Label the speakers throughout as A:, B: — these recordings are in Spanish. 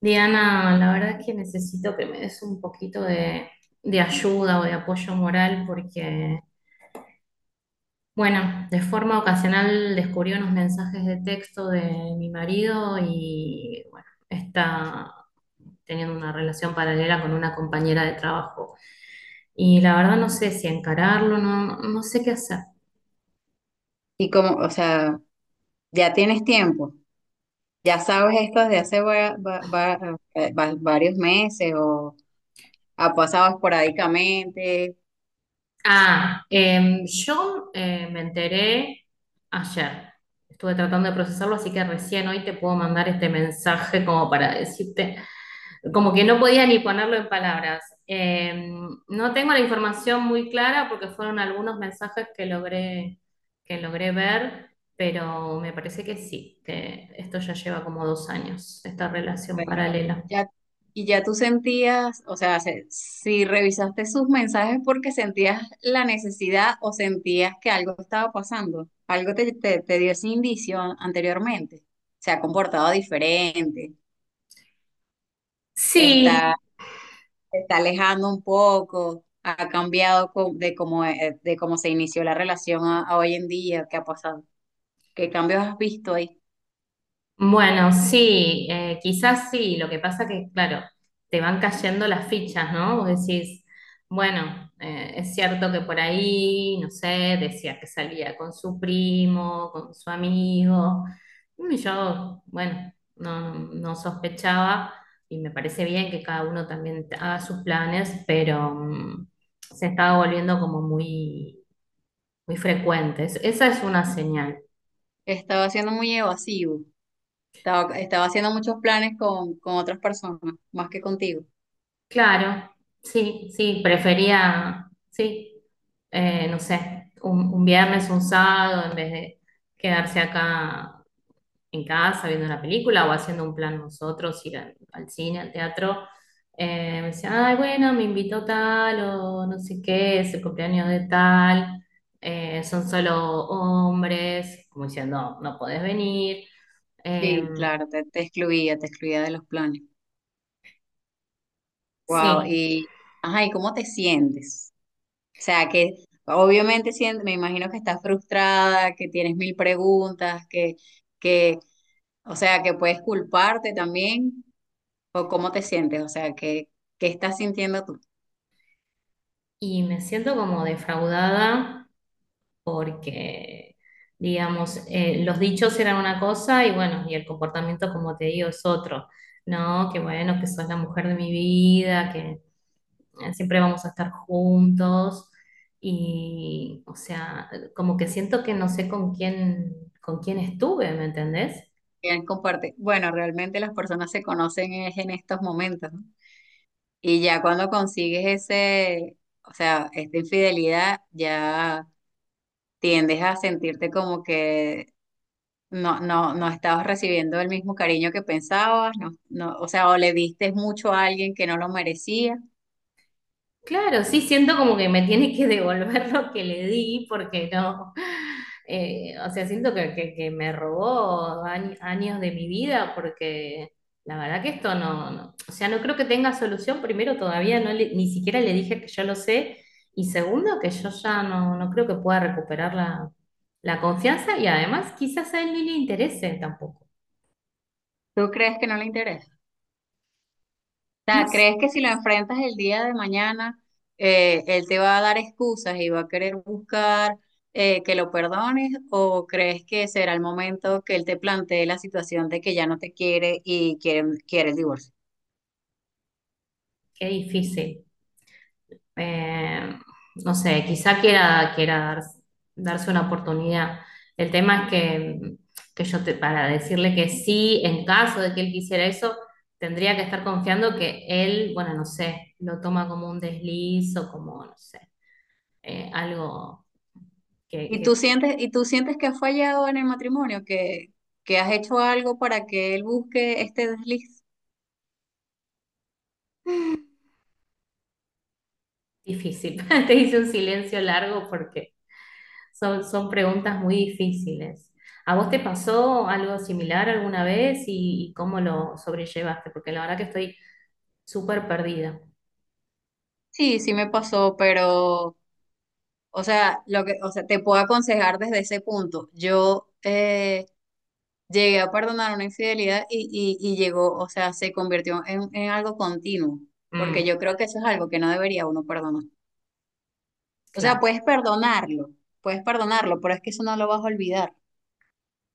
A: Diana, la verdad es que necesito que me des un poquito de ayuda o de apoyo moral porque, bueno, de forma ocasional descubrí unos mensajes de texto de mi marido y, bueno, está teniendo una relación paralela con una compañera de trabajo. Y la verdad no sé si encararlo, no, no sé qué hacer.
B: Y como, o sea, ya tienes tiempo, ya sabes esto desde hace varios meses o ha pasado esporádicamente,
A: Ah, yo me enteré ayer. Estuve tratando de procesarlo, así que recién hoy te puedo mandar este mensaje como para decirte, como que no podía ni ponerlo en palabras. No tengo la información muy clara porque fueron algunos mensajes que logré ver, pero me parece que sí, que esto ya lleva como 2 años, esta relación
B: pero
A: paralela.
B: ya, y ya tú sentías, o sea, si revisaste sus mensajes porque sentías la necesidad o sentías que algo estaba pasando, algo te dio ese indicio anteriormente, se ha comportado diferente, está
A: Sí,
B: se está alejando un poco, ha cambiado de cómo se inició la relación a hoy en día, qué ha pasado, qué cambios has visto ahí.
A: bueno, sí, quizás sí, lo que pasa que, claro, te van cayendo las fichas, ¿no? Vos decís, bueno, es cierto que por ahí, no sé, decía que salía con su primo, con su amigo, y yo, bueno, no, no sospechaba y me parece bien que cada uno también haga sus planes, pero se estaba volviendo como muy, muy frecuente. Esa es una señal.
B: Estaba siendo muy evasivo, estaba haciendo muchos planes con otras personas, más que contigo.
A: Claro, sí, sí, prefería, sí, no sé, un viernes, un sábado, en vez de quedarse acá en casa viendo una película o haciendo un plan nosotros, ir al cine, al teatro. Me decía, ay, bueno, me invitó tal o no sé qué, es el cumpleaños de tal, son solo hombres, como diciendo, no, no podés venir. Eh,
B: Sí, claro, te excluía de los planes. Wow,
A: sí,
B: y, ajá, ¿y cómo te sientes? O sea, que obviamente me imagino que estás frustrada, que tienes mil preguntas, que, o sea, que puedes culparte también. ¿O cómo te sientes? O sea, ¿qué, qué estás sintiendo tú?
A: y me siento como defraudada porque, digamos, los dichos eran una cosa y bueno, y el comportamiento, como te digo, es otro, ¿no? Que bueno, que sos la mujer de mi vida, que siempre vamos a estar juntos y, o sea, como que siento que no sé con quién estuve, ¿me entendés?
B: ¿Quién comparte? Bueno, realmente las personas se conocen es en estos momentos, ¿no? Y ya cuando consigues o sea, esta infidelidad, ya tiendes a sentirte como que no estabas recibiendo el mismo cariño que pensabas, no, no, o sea, o le diste mucho a alguien que no lo merecía.
A: Claro, sí siento como que me tiene que devolver lo que le di porque no, o sea, siento que me robó años de mi vida porque la verdad que esto no, o sea, no creo que tenga solución. Primero, todavía no, ni siquiera le dije que yo lo sé y segundo, que yo ya no, no creo que pueda recuperar la confianza y además quizás a él ni le interese tampoco.
B: ¿Tú crees que no le interesa?
A: No
B: Sea,
A: sé,
B: ¿crees que si lo enfrentas el día de mañana, él te va a dar excusas y va a querer buscar que lo perdones? ¿O crees que será el momento que él te plantee la situación de que ya no te quiere y quiere, quiere el divorcio?
A: qué difícil. Eh, no sé, quizá quiera darse una oportunidad. El tema es que para decirle que sí, en caso de que él quisiera eso, tendría que estar confiando que él, bueno, no sé, lo toma como un desliz o como, no sé, algo que, que es
B: Y tú sientes que has fallado en el matrimonio, que has hecho algo para que él busque este desliz?
A: difícil. Te hice un silencio largo porque son preguntas muy difíciles. ¿A vos te pasó algo similar alguna vez y cómo lo sobrellevaste? Porque la verdad que estoy súper perdida.
B: Sí, sí me pasó, pero... O sea, lo que, o sea, te puedo aconsejar desde ese punto. Yo llegué a perdonar una infidelidad y llegó, o sea, se convirtió en algo continuo,
A: Mm,
B: porque yo creo que eso es algo que no debería uno perdonar. O sea,
A: claro.
B: puedes perdonarlo, pero es que eso no lo vas a olvidar.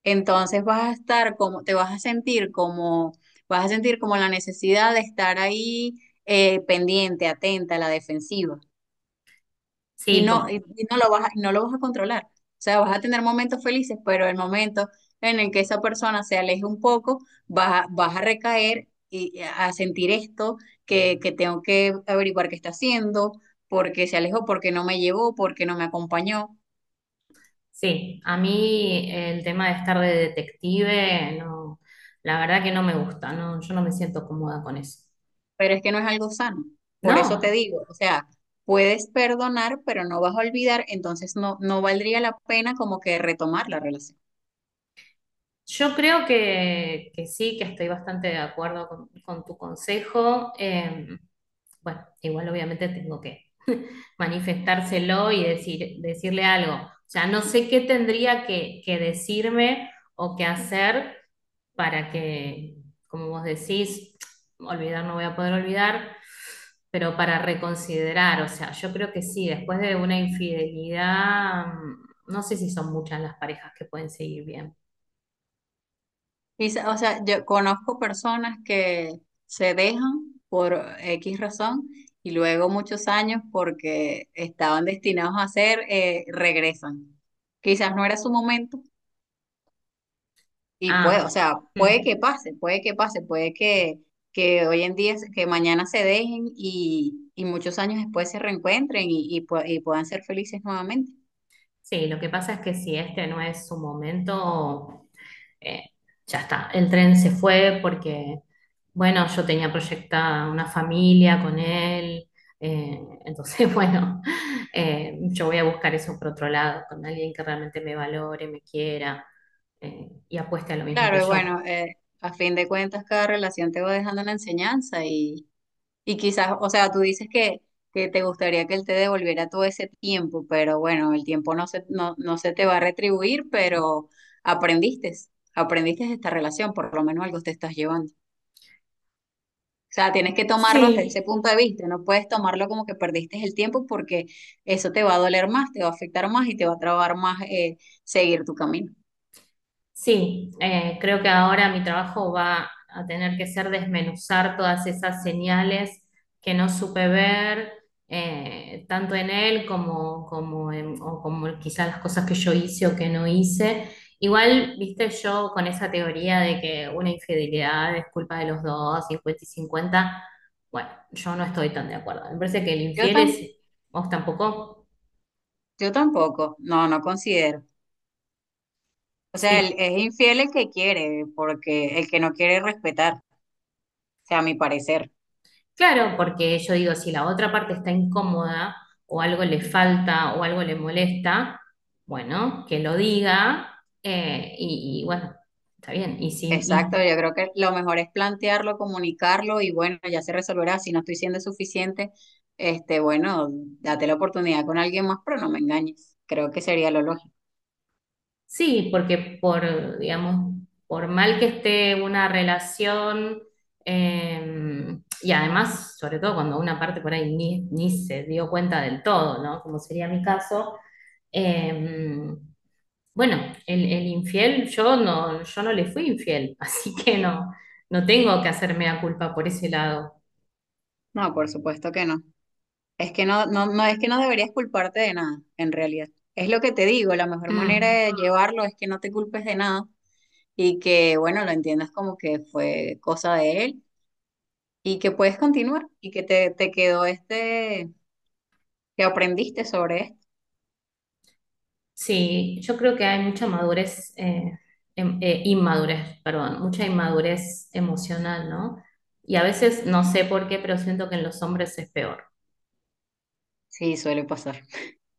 B: Entonces vas a estar como, te vas a sentir como, vas a sentir como la necesidad de estar ahí pendiente, atenta, a la defensiva.
A: Sí,
B: Y no lo vas a, y no lo vas a controlar. O sea, vas a tener momentos felices, pero el momento en el que esa persona se aleje un poco, vas a recaer y a sentir esto, que tengo que averiguar qué está haciendo, porque se alejó, porque no me llevó, porque no me acompañó,
A: sí, a mí el tema de estar de detective, no, la verdad que no me gusta, no, yo no me siento cómoda con eso.
B: pero es que no es algo sano. Por eso te
A: No,
B: digo, o sea, puedes perdonar, pero no vas a olvidar, entonces no valdría la pena como que retomar la relación.
A: yo creo que sí, que estoy bastante de acuerdo con tu consejo. Bueno, igual obviamente tengo manifestárselo y decirle algo. O sea, no sé qué tendría que decirme o qué hacer para que, como vos decís, olvidar no voy a poder olvidar, pero para reconsiderar, o sea, yo creo que sí, después de una infidelidad, no sé si son muchas las parejas que pueden seguir bien.
B: O sea, yo conozco personas que se dejan por X razón y luego muchos años porque estaban destinados a hacer, regresan. Quizás no era su momento y puede,
A: Ah,
B: o sea,
A: mm,
B: puede que pase, que hoy en día, que mañana se dejen y muchos años después se reencuentren y puedan ser felices nuevamente.
A: sí, lo que pasa es que si este no es su momento, eh, ya está, el tren se fue porque, bueno, yo tenía proyectada una familia con él, entonces, bueno, yo voy a buscar eso por otro lado, con alguien que realmente me valore, me quiera y apueste a lo mismo que
B: Claro, y bueno,
A: yo.
B: a fin de cuentas cada relación te va dejando una enseñanza y quizás, o sea, tú dices que te gustaría que él te devolviera todo ese tiempo, pero bueno, el tiempo no se te va a retribuir, pero aprendiste, aprendiste de esta relación, por lo menos algo te estás llevando. O sea, tienes que tomarlo desde ese
A: Sí,
B: punto de vista, no puedes tomarlo como que perdiste el tiempo porque eso te va a doler más, te va a afectar más y te va a trabar más seguir tu camino.
A: sí, creo que ahora mi trabajo va a tener que ser desmenuzar todas esas señales que no supe ver, tanto en él como, o como quizás las cosas que yo hice o que no hice. Igual, viste, yo con esa teoría de que una infidelidad es culpa de los dos, 50 y 50. Bueno, yo no estoy tan de acuerdo. Me parece que el
B: Yo,
A: infiel
B: tam
A: es, vos tampoco.
B: yo tampoco, no, no considero. O sea, es infiel el que quiere, porque el que no quiere respetar, o sea, a mi parecer.
A: Claro, porque yo digo, si la otra parte está incómoda o algo le falta o algo le molesta, bueno, que lo diga y bueno, está bien. Y si, y
B: Exacto, yo creo que lo mejor es plantearlo, comunicarlo y bueno, ya se resolverá. Si no estoy siendo suficiente, este, bueno, date la oportunidad con alguien más, pero no me engañes. Creo que sería lo lógico.
A: Sí, porque por, digamos, por mal que esté una relación, y además, sobre todo cuando una parte por ahí ni se dio cuenta del todo, ¿no? Como sería mi caso, eh, bueno, el infiel, yo no le fui infiel, así que no, no tengo que hacerme a culpa por ese lado.
B: No, por supuesto que no. Es que no, no, no es que no deberías culparte de nada, en realidad. Es lo que te digo, la mejor manera
A: Mm.
B: de llevarlo es que no te culpes de nada y que, bueno, lo entiendas como que fue cosa de él y que puedes continuar y que te quedó este, que aprendiste sobre esto.
A: Sí, yo creo que hay mucha madurez, inmadurez, perdón, mucha inmadurez emocional, ¿no? Y a veces no sé por qué, pero siento que en los hombres es peor.
B: Sí, suele pasar.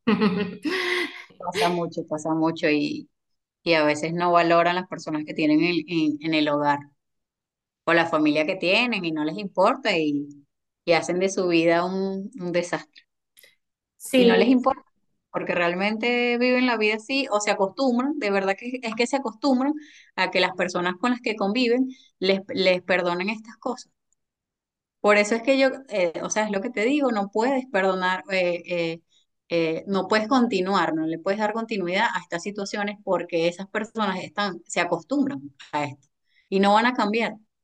B: Pasa mucho y a veces no valoran las personas que tienen en el hogar o la familia que tienen y no les importa y hacen de su vida un desastre. Y no les
A: Sí,
B: importa porque realmente viven la vida así o se acostumbran, de verdad que es que se acostumbran a que las personas con las que conviven les perdonen estas cosas. Por eso es que yo, o sea, es lo que te digo, no puedes perdonar, no puedes continuar, no le puedes dar continuidad a estas situaciones porque esas personas están, se acostumbran a esto y no van a cambiar. O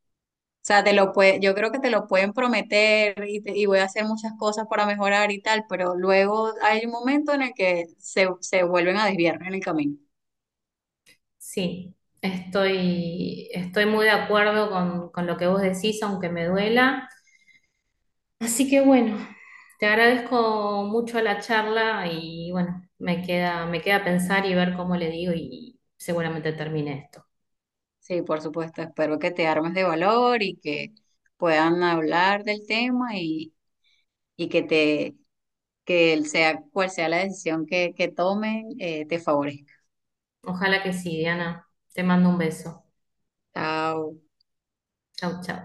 B: sea, te lo puede, yo creo que te lo pueden prometer y voy a hacer muchas cosas para mejorar y tal, pero luego hay un momento en el que se vuelven a desviar en el camino.
A: sí, estoy muy de acuerdo con lo que vos decís, aunque me duela. Así que bueno, te agradezco mucho la charla y bueno, me queda pensar y ver cómo le digo y seguramente termine esto.
B: Sí, por supuesto, espero que te armes de valor y que puedan hablar del tema y que te que el sea, cual sea la decisión que tomen, te favorezca.
A: Ojalá que sí, Diana. Te mando un beso.
B: Chao.
A: Chau, chau.